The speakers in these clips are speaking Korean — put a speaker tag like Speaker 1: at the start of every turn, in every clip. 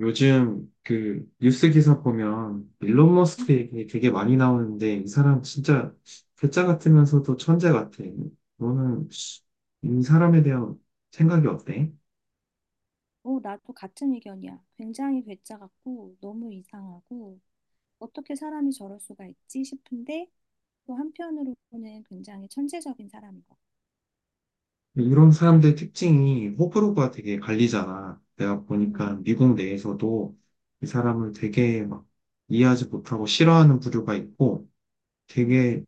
Speaker 1: 요즘 그 뉴스 기사 보면 일론
Speaker 2: 음,
Speaker 1: 머스크 얘기 되게 많이 나오는데 이 사람 진짜 괴짜 같으면서도 천재 같아. 너는 이 사람에 대한 생각이 어때?
Speaker 2: 나도 같은 의견이야. 굉장히 괴짜 같고 너무 이상하고 어떻게 사람이 저럴 수가 있지 싶은데 또 한편으로는 굉장히 천재적인 사람인 것 같아.
Speaker 1: 이런 사람들 특징이 호불호가 되게 갈리잖아. 내가
Speaker 2: 음,
Speaker 1: 보니까 미국 내에서도 이 사람을 되게 막 이해하지 못하고 싫어하는 부류가 있고
Speaker 2: 음.
Speaker 1: 되게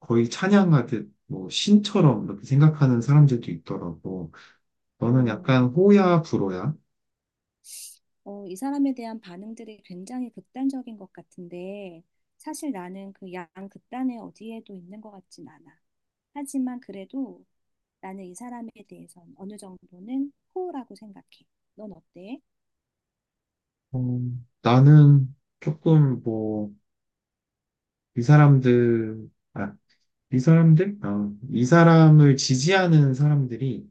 Speaker 1: 거의 찬양하듯 뭐 신처럼 이렇게 생각하는 사람들도 있더라고. 너는
Speaker 2: 어,
Speaker 1: 약간 호야, 불호야?
Speaker 2: 이 사람에 대한 반응들이 굉장히 극단적인 것 같은데 사실 나는 그 양 극단에 어디에도 있는 것 같진 않아. 하지만 그래도 나는 이 사람에 대해선 어느 정도는 호우라고 생각해. 넌 어때?
Speaker 1: 어, 나는 조금 뭐, 이 사람들, 아, 이 사람들? 아, 이 사람을 지지하는 사람들이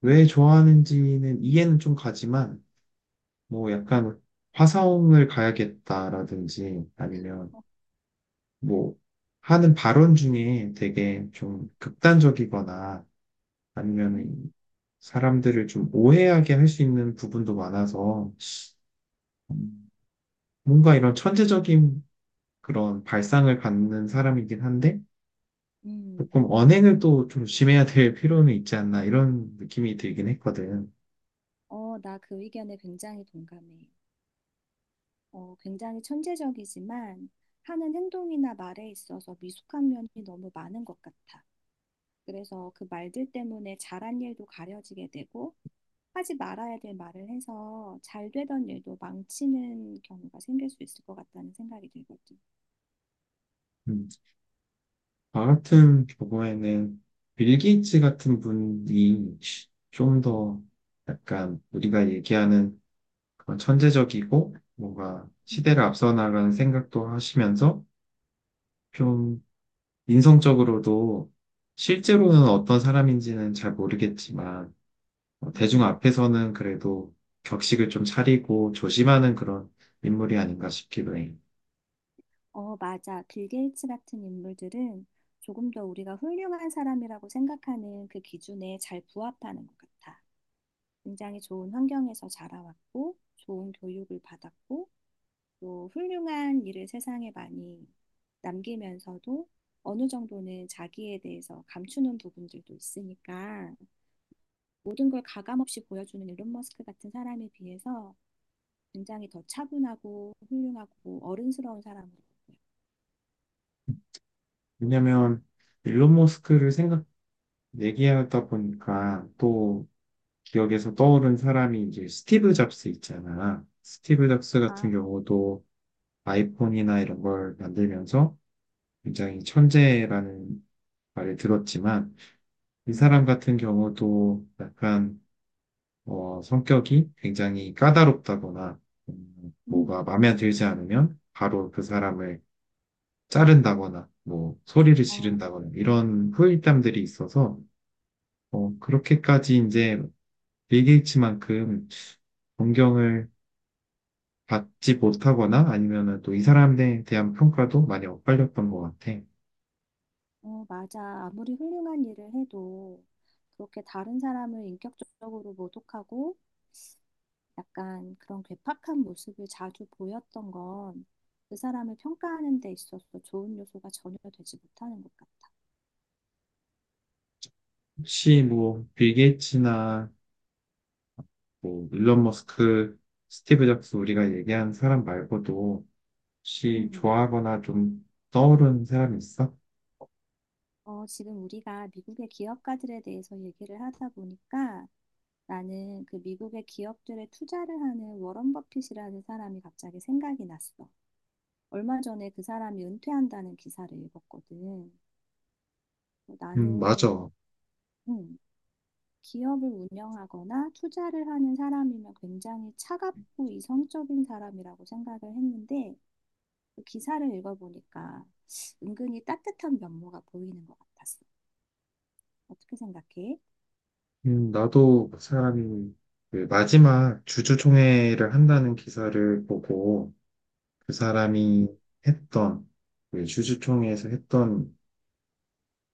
Speaker 1: 왜
Speaker 2: 음,
Speaker 1: 좋아하는지는 이해는 좀 가지만, 뭐 약간 화성을 가야겠다라든지 아니면 뭐 하는 발언 중에 되게 좀 극단적이거나
Speaker 2: 음,
Speaker 1: 아니면 사람들을 좀 오해하게 할 수 있는 부분도 많아서 음, 뭔가 이런 천재적인 그런 발상을 갖는 사람이긴 한데,
Speaker 2: 음.
Speaker 1: 조금 언행을 또 좀 조심해야 될 필요는 있지 않나 이런 느낌이 들긴 했거든.
Speaker 2: 나 그 의견에 굉장히 동감해. 굉장히 천재적이지만 하는 행동이나 말에 있어서 미숙한 면이 너무 많은 것 같아. 그래서 그 말들 때문에 잘한 일도 가려지게 되고 하지 말아야 될 말을 해서 잘 되던 일도 망치는 경우가 생길 수 있을 것 같다는 생각이 들거든.
Speaker 1: 음, 저 같은 경우에는 빌 게이츠 같은 분이 좀 더 약간 우리가 얘기하는 그런 천재적이고 뭔가
Speaker 2: 음.
Speaker 1: 시대를 앞서 나가는 생각도 하시면서 좀 인성적으로도 실제로는 어떤 사람인지는 잘 모르겠지만 어, 대중
Speaker 2: 음,
Speaker 1: 앞에서는 그래도 격식을 좀 차리고 조심하는 그런 인물이 아닌가 싶기도 해.
Speaker 2: 어, 맞아. 빌 게이츠 같은 인물들은 조금 더 우리가 훌륭한 사람이라고 생각하는 그 기준에 잘 부합하는 것 같아. 굉장히 좋은 환경에서 자라왔고, 좋은 교육을 받았고, 또 훌륭한 일을 세상에 많이 남기면서도 어느 정도는 자기에 대해서 감추는 부분들도 있으니까 모든 걸 가감 없이 보여주는 일론 머스크 같은 사람에 비해서 굉장히 더 차분하고 훌륭하고 어른스러운 사람으로 보여요.
Speaker 1: 왜냐면 일론 머스크를 생각 얘기하다 보니까 또 기억에서 떠오른 사람이 이제 스티브 잡스 있잖아. 스티브 잡스
Speaker 2: 아,
Speaker 1: 같은 경우도 아이폰이나 이런 걸 만들면서 굉장히 천재라는 말을 들었지만 이 사람
Speaker 2: 음,
Speaker 1: 같은 경우도 약간 어, 성격이 굉장히 까다롭다거나 뭐가
Speaker 2: 음,
Speaker 1: 마음에 들지 않으면 바로 그 사람을 자른다거나 뭐 소리를
Speaker 2: 어,
Speaker 1: 지른다거나 이런 후일담들이 있어서 어, 그렇게까지 이제 빌 게이츠만큼 존경을 받지 못하거나 아니면은 또 이 사람에 대한 평가도 많이 엇갈렸던 것 같아.
Speaker 2: 어, 맞아. 아무리 훌륭한 일을 해도 그렇게 다른 사람을 인격적으로 모독하고 약간 그런 괴팍한 모습을 자주 보였던 건 그 사람을 평가하는 데 있어서 좋은 요소가 전혀 되지 못하는 것 같아.
Speaker 1: 혹시 뭐 빌 게이츠나 뭐 일론 머스크, 스티브 잡스 우리가 얘기한 사람 말고도 혹시
Speaker 2: 음,
Speaker 1: 좋아하거나 좀 떠오르는 사람이 있어?
Speaker 2: 지금 우리가 미국의 기업가들에 대해서 얘기를 하다 보니까 나는 그 미국의 기업들에 투자를 하는 워런 버핏이라는 사람이 갑자기 생각이 났어. 얼마 전에 그 사람이 은퇴한다는 기사를 읽었거든. 나는
Speaker 1: 맞아.
Speaker 2: 음, 기업을 운영하거나 투자를 하는 사람이면 굉장히 차갑고 이성적인 사람이라고 생각을 했는데 그 기사를 읽어보니까 은근히 따뜻한 면모가 보이는 것 같았어. 어떻게 생각해?
Speaker 1: 나도 그 사람이 그 마지막 주주총회를 한다는 기사를 보고 그
Speaker 2: 음,
Speaker 1: 사람이 했던 그 주주총회에서 했던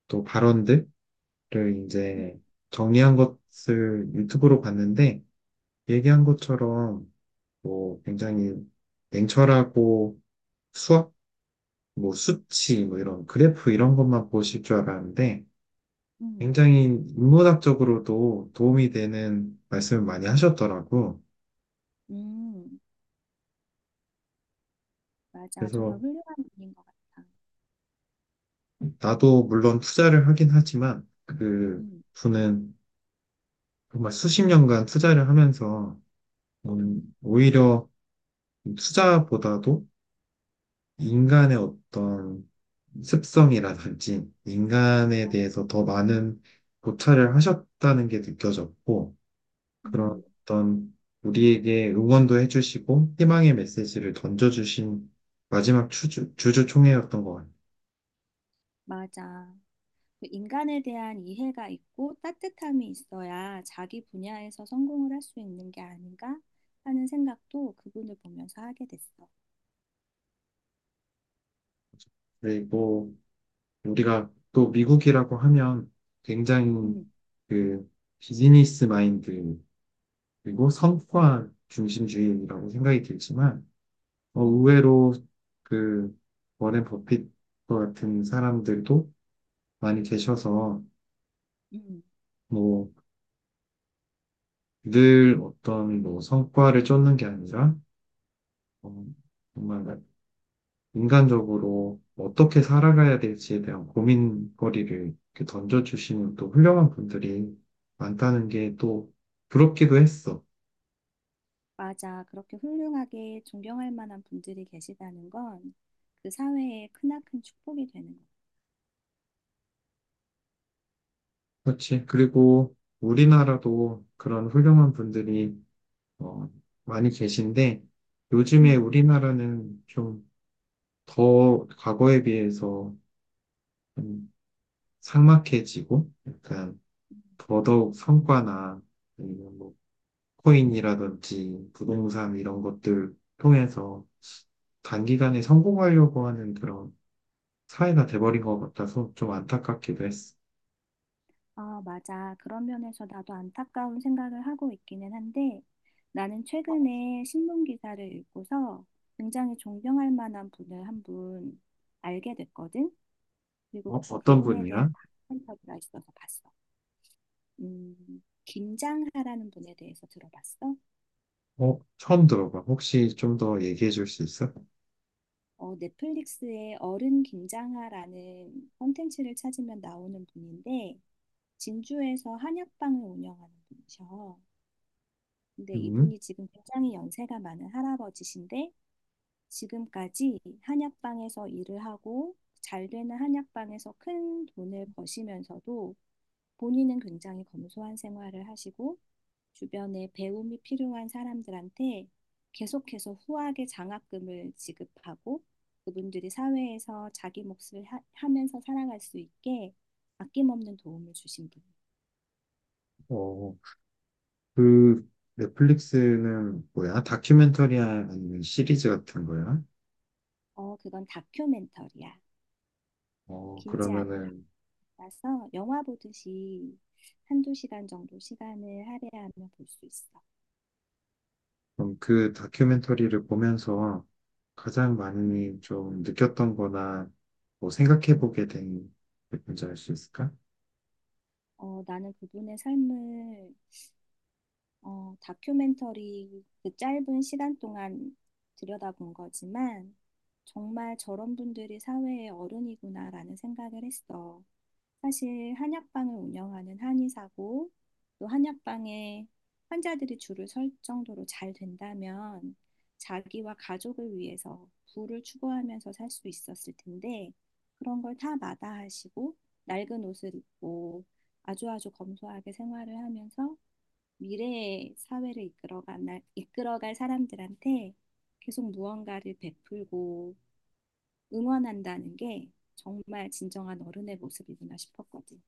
Speaker 1: 또 발언들을
Speaker 2: 음,
Speaker 1: 이제 정리한 것을 유튜브로 봤는데 얘기한 것처럼 뭐 굉장히 냉철하고 수학 뭐 수치 뭐 이런 그래프 이런 것만 보실 줄 알았는데
Speaker 2: 음,
Speaker 1: 굉장히 인문학적으로도 도움이 되는 말씀을 많이 하셨더라고.
Speaker 2: 음, 맞아.
Speaker 1: 그래서
Speaker 2: 정말 훌륭한 분인 것 같아.
Speaker 1: 나도 물론 투자를 하긴 하지만 그
Speaker 2: 음,
Speaker 1: 분은 정말 수십 년간 투자를 하면서
Speaker 2: 음,
Speaker 1: 오히려 투자보다도 인간의 어떤 습성이라든지 인간에
Speaker 2: 아,
Speaker 1: 대해서 더 많은 고찰을 하셨다는 게 느껴졌고, 그런
Speaker 2: 음,
Speaker 1: 어떤 우리에게 응원도 해주시고 희망의 메시지를 던져주신 마지막 주주총회였던 것 같아요.
Speaker 2: 맞아. 그 인간에 대한 이해가 있고 따뜻함이 있어야 자기 분야에서 성공을 할 수 있는 게 아닌가 하는 생각도 그분을 보면서 하게 됐어.
Speaker 1: 그리고 우리가 또 미국이라고 하면 굉장히
Speaker 2: 음,
Speaker 1: 그 비즈니스 마인드 그리고 성과 중심주의라고 생각이 들지만 어,
Speaker 2: 음,
Speaker 1: 의외로 그 워렌 버핏 같은 사람들도 많이 계셔서
Speaker 2: 음.
Speaker 1: 뭐 늘 어떤 뭐 성과를 쫓는 게 아니라 어, 정말 인간적으로 어떻게 살아가야 될지에 대한 고민거리를 이렇게 던져주시는 또 훌륭한 분들이 많다는 게 또 부럽기도 했어.
Speaker 2: 맞아. 그렇게 훌륭하게 존경할 만한 분들이 계시다는 건 그 사회의 크나큰 축복이 되는 거.
Speaker 1: 그렇지. 그리고 우리나라도 그런 훌륭한 분들이 어, 많이 계신데 요즘에
Speaker 2: 음.
Speaker 1: 우리나라는 좀 더 과거에 비해서 좀 삭막해지고 약간
Speaker 2: 음.
Speaker 1: 더더욱 성과나 아니면 뭐 코인이라든지 부동산 이런 것들 통해서 단기간에 성공하려고 하는 그런 사회가 돼버린 것 같아서 좀 안타깝기도 했어.
Speaker 2: 아, 맞아. 그런 면에서 나도 안타까운 생각을 하고 있기는 한데 나는 최근에 신문 기사를 읽고서 굉장히 존경할 만한 분을 한 분 알게 됐거든. 그리고
Speaker 1: 어, 어떤
Speaker 2: 그분에 대한
Speaker 1: 분이야?
Speaker 2: 다큐멘터리가 있어서 봤어. 김장하라는 분에 대해서 들어봤어?
Speaker 1: 어, 처음 들어봐. 혹시 좀 더 얘기해 줄 수 있어?
Speaker 2: 넷플릭스의 어른 김장하라는 콘텐츠를 찾으면 나오는 분인데, 진주에서 한약방을 운영하는 분이셔. 근데
Speaker 1: 음,
Speaker 2: 이분이 지금 굉장히 연세가 많은 할아버지신데, 지금까지 한약방에서 일을 하고, 잘 되는 한약방에서 큰 돈을 버시면서도 본인은 굉장히 검소한 생활을 하시고 주변에 배움이 필요한 사람들한테 계속해서 후하게 장학금을 지급하고 그분들이 사회에서 자기 몫을 하면서 살아갈 수 있게 아낌없는 도움을 주신 분.
Speaker 1: 어, 그 넷플릭스는 뭐야? 다큐멘터리 아니면 시리즈 같은 거야?
Speaker 2: 그건 다큐멘터리야.
Speaker 1: 어,
Speaker 2: 길지 않은
Speaker 1: 그러면은
Speaker 2: 다큐라서 영화 보듯이 한두 시간 정도 시간을 할애하면 볼 수 있어.
Speaker 1: 그럼 그 다큐멘터리를 보면서 가장
Speaker 2: 음.
Speaker 1: 많이 좀 느꼈던 거나 뭐 생각해보게 된 게 뭔지 알 수 있을까?
Speaker 2: 나는 그분의 삶을 다큐멘터리 그 짧은 시간 동안 들여다본 거지만 정말 저런 분들이 사회의 어른이구나라는 생각을 했어. 사실 한약방을 운영하는 한의사고 또 한약방에 환자들이 줄을 설 정도로 잘 된다면 자기와 가족을 위해서 부를 추구하면서 살 수 있었을 텐데 그런 걸 다 마다하시고 낡은 옷을 입고 아주아주 검소하게 생활을 하면서 미래의 사회를 이끌어갈 사람들한테 계속 무언가를 베풀고 응원한다는 게 정말 진정한 어른의 모습이구나 싶었거든.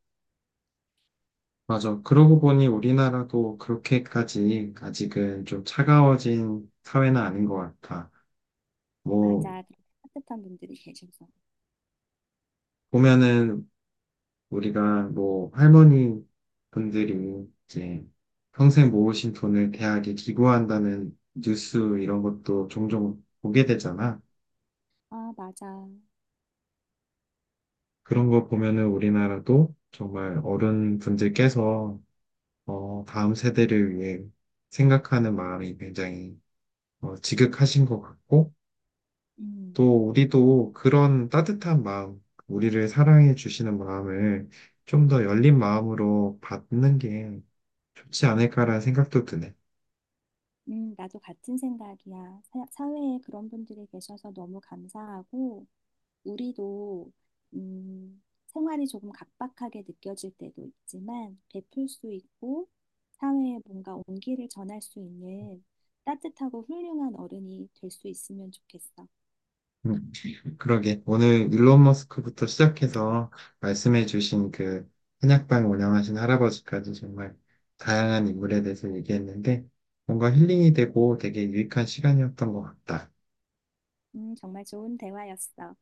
Speaker 1: 맞아. 그러고 보니 우리나라도 그렇게까지 아직은 좀 차가워진 사회는 아닌 것 같아. 뭐,
Speaker 2: 맞아. 그렇게 따뜻한 분들이 계셔서.
Speaker 1: 보면은 우리가 뭐 할머니 분들이 이제 평생 모으신 돈을 대학에 기부한다는 뉴스 이런 것도 종종 보게 되잖아.
Speaker 2: 아, 맞아.
Speaker 1: 그런 거 보면은 우리나라도 정말 어른분들께서 어, 다음 세대를 위해 생각하는 마음이 굉장히 어, 지극하신 것 같고
Speaker 2: 음.
Speaker 1: 또 우리도 그런 따뜻한 마음, 우리를 사랑해 주시는 마음을 좀 더 열린 마음으로 받는 게 좋지 않을까라는 생각도 드네.
Speaker 2: 나도 같은 생각이야. 사회에 그런 분들이 계셔서 너무 감사하고, 우리도, 생활이 조금 각박하게 느껴질 때도 있지만, 베풀 수 있고, 사회에 뭔가 온기를 전할 수 있는 따뜻하고 훌륭한 어른이 될 수 있으면 좋겠어.
Speaker 1: 음. 그러게. 오늘 일론 머스크부터 시작해서 말씀해주신 그 한약방 운영하신 할아버지까지 정말 다양한 인물에 대해서 얘기했는데 뭔가 힐링이 되고 되게 유익한 시간이었던 것 같다.
Speaker 2: 정말 좋은 대화였어.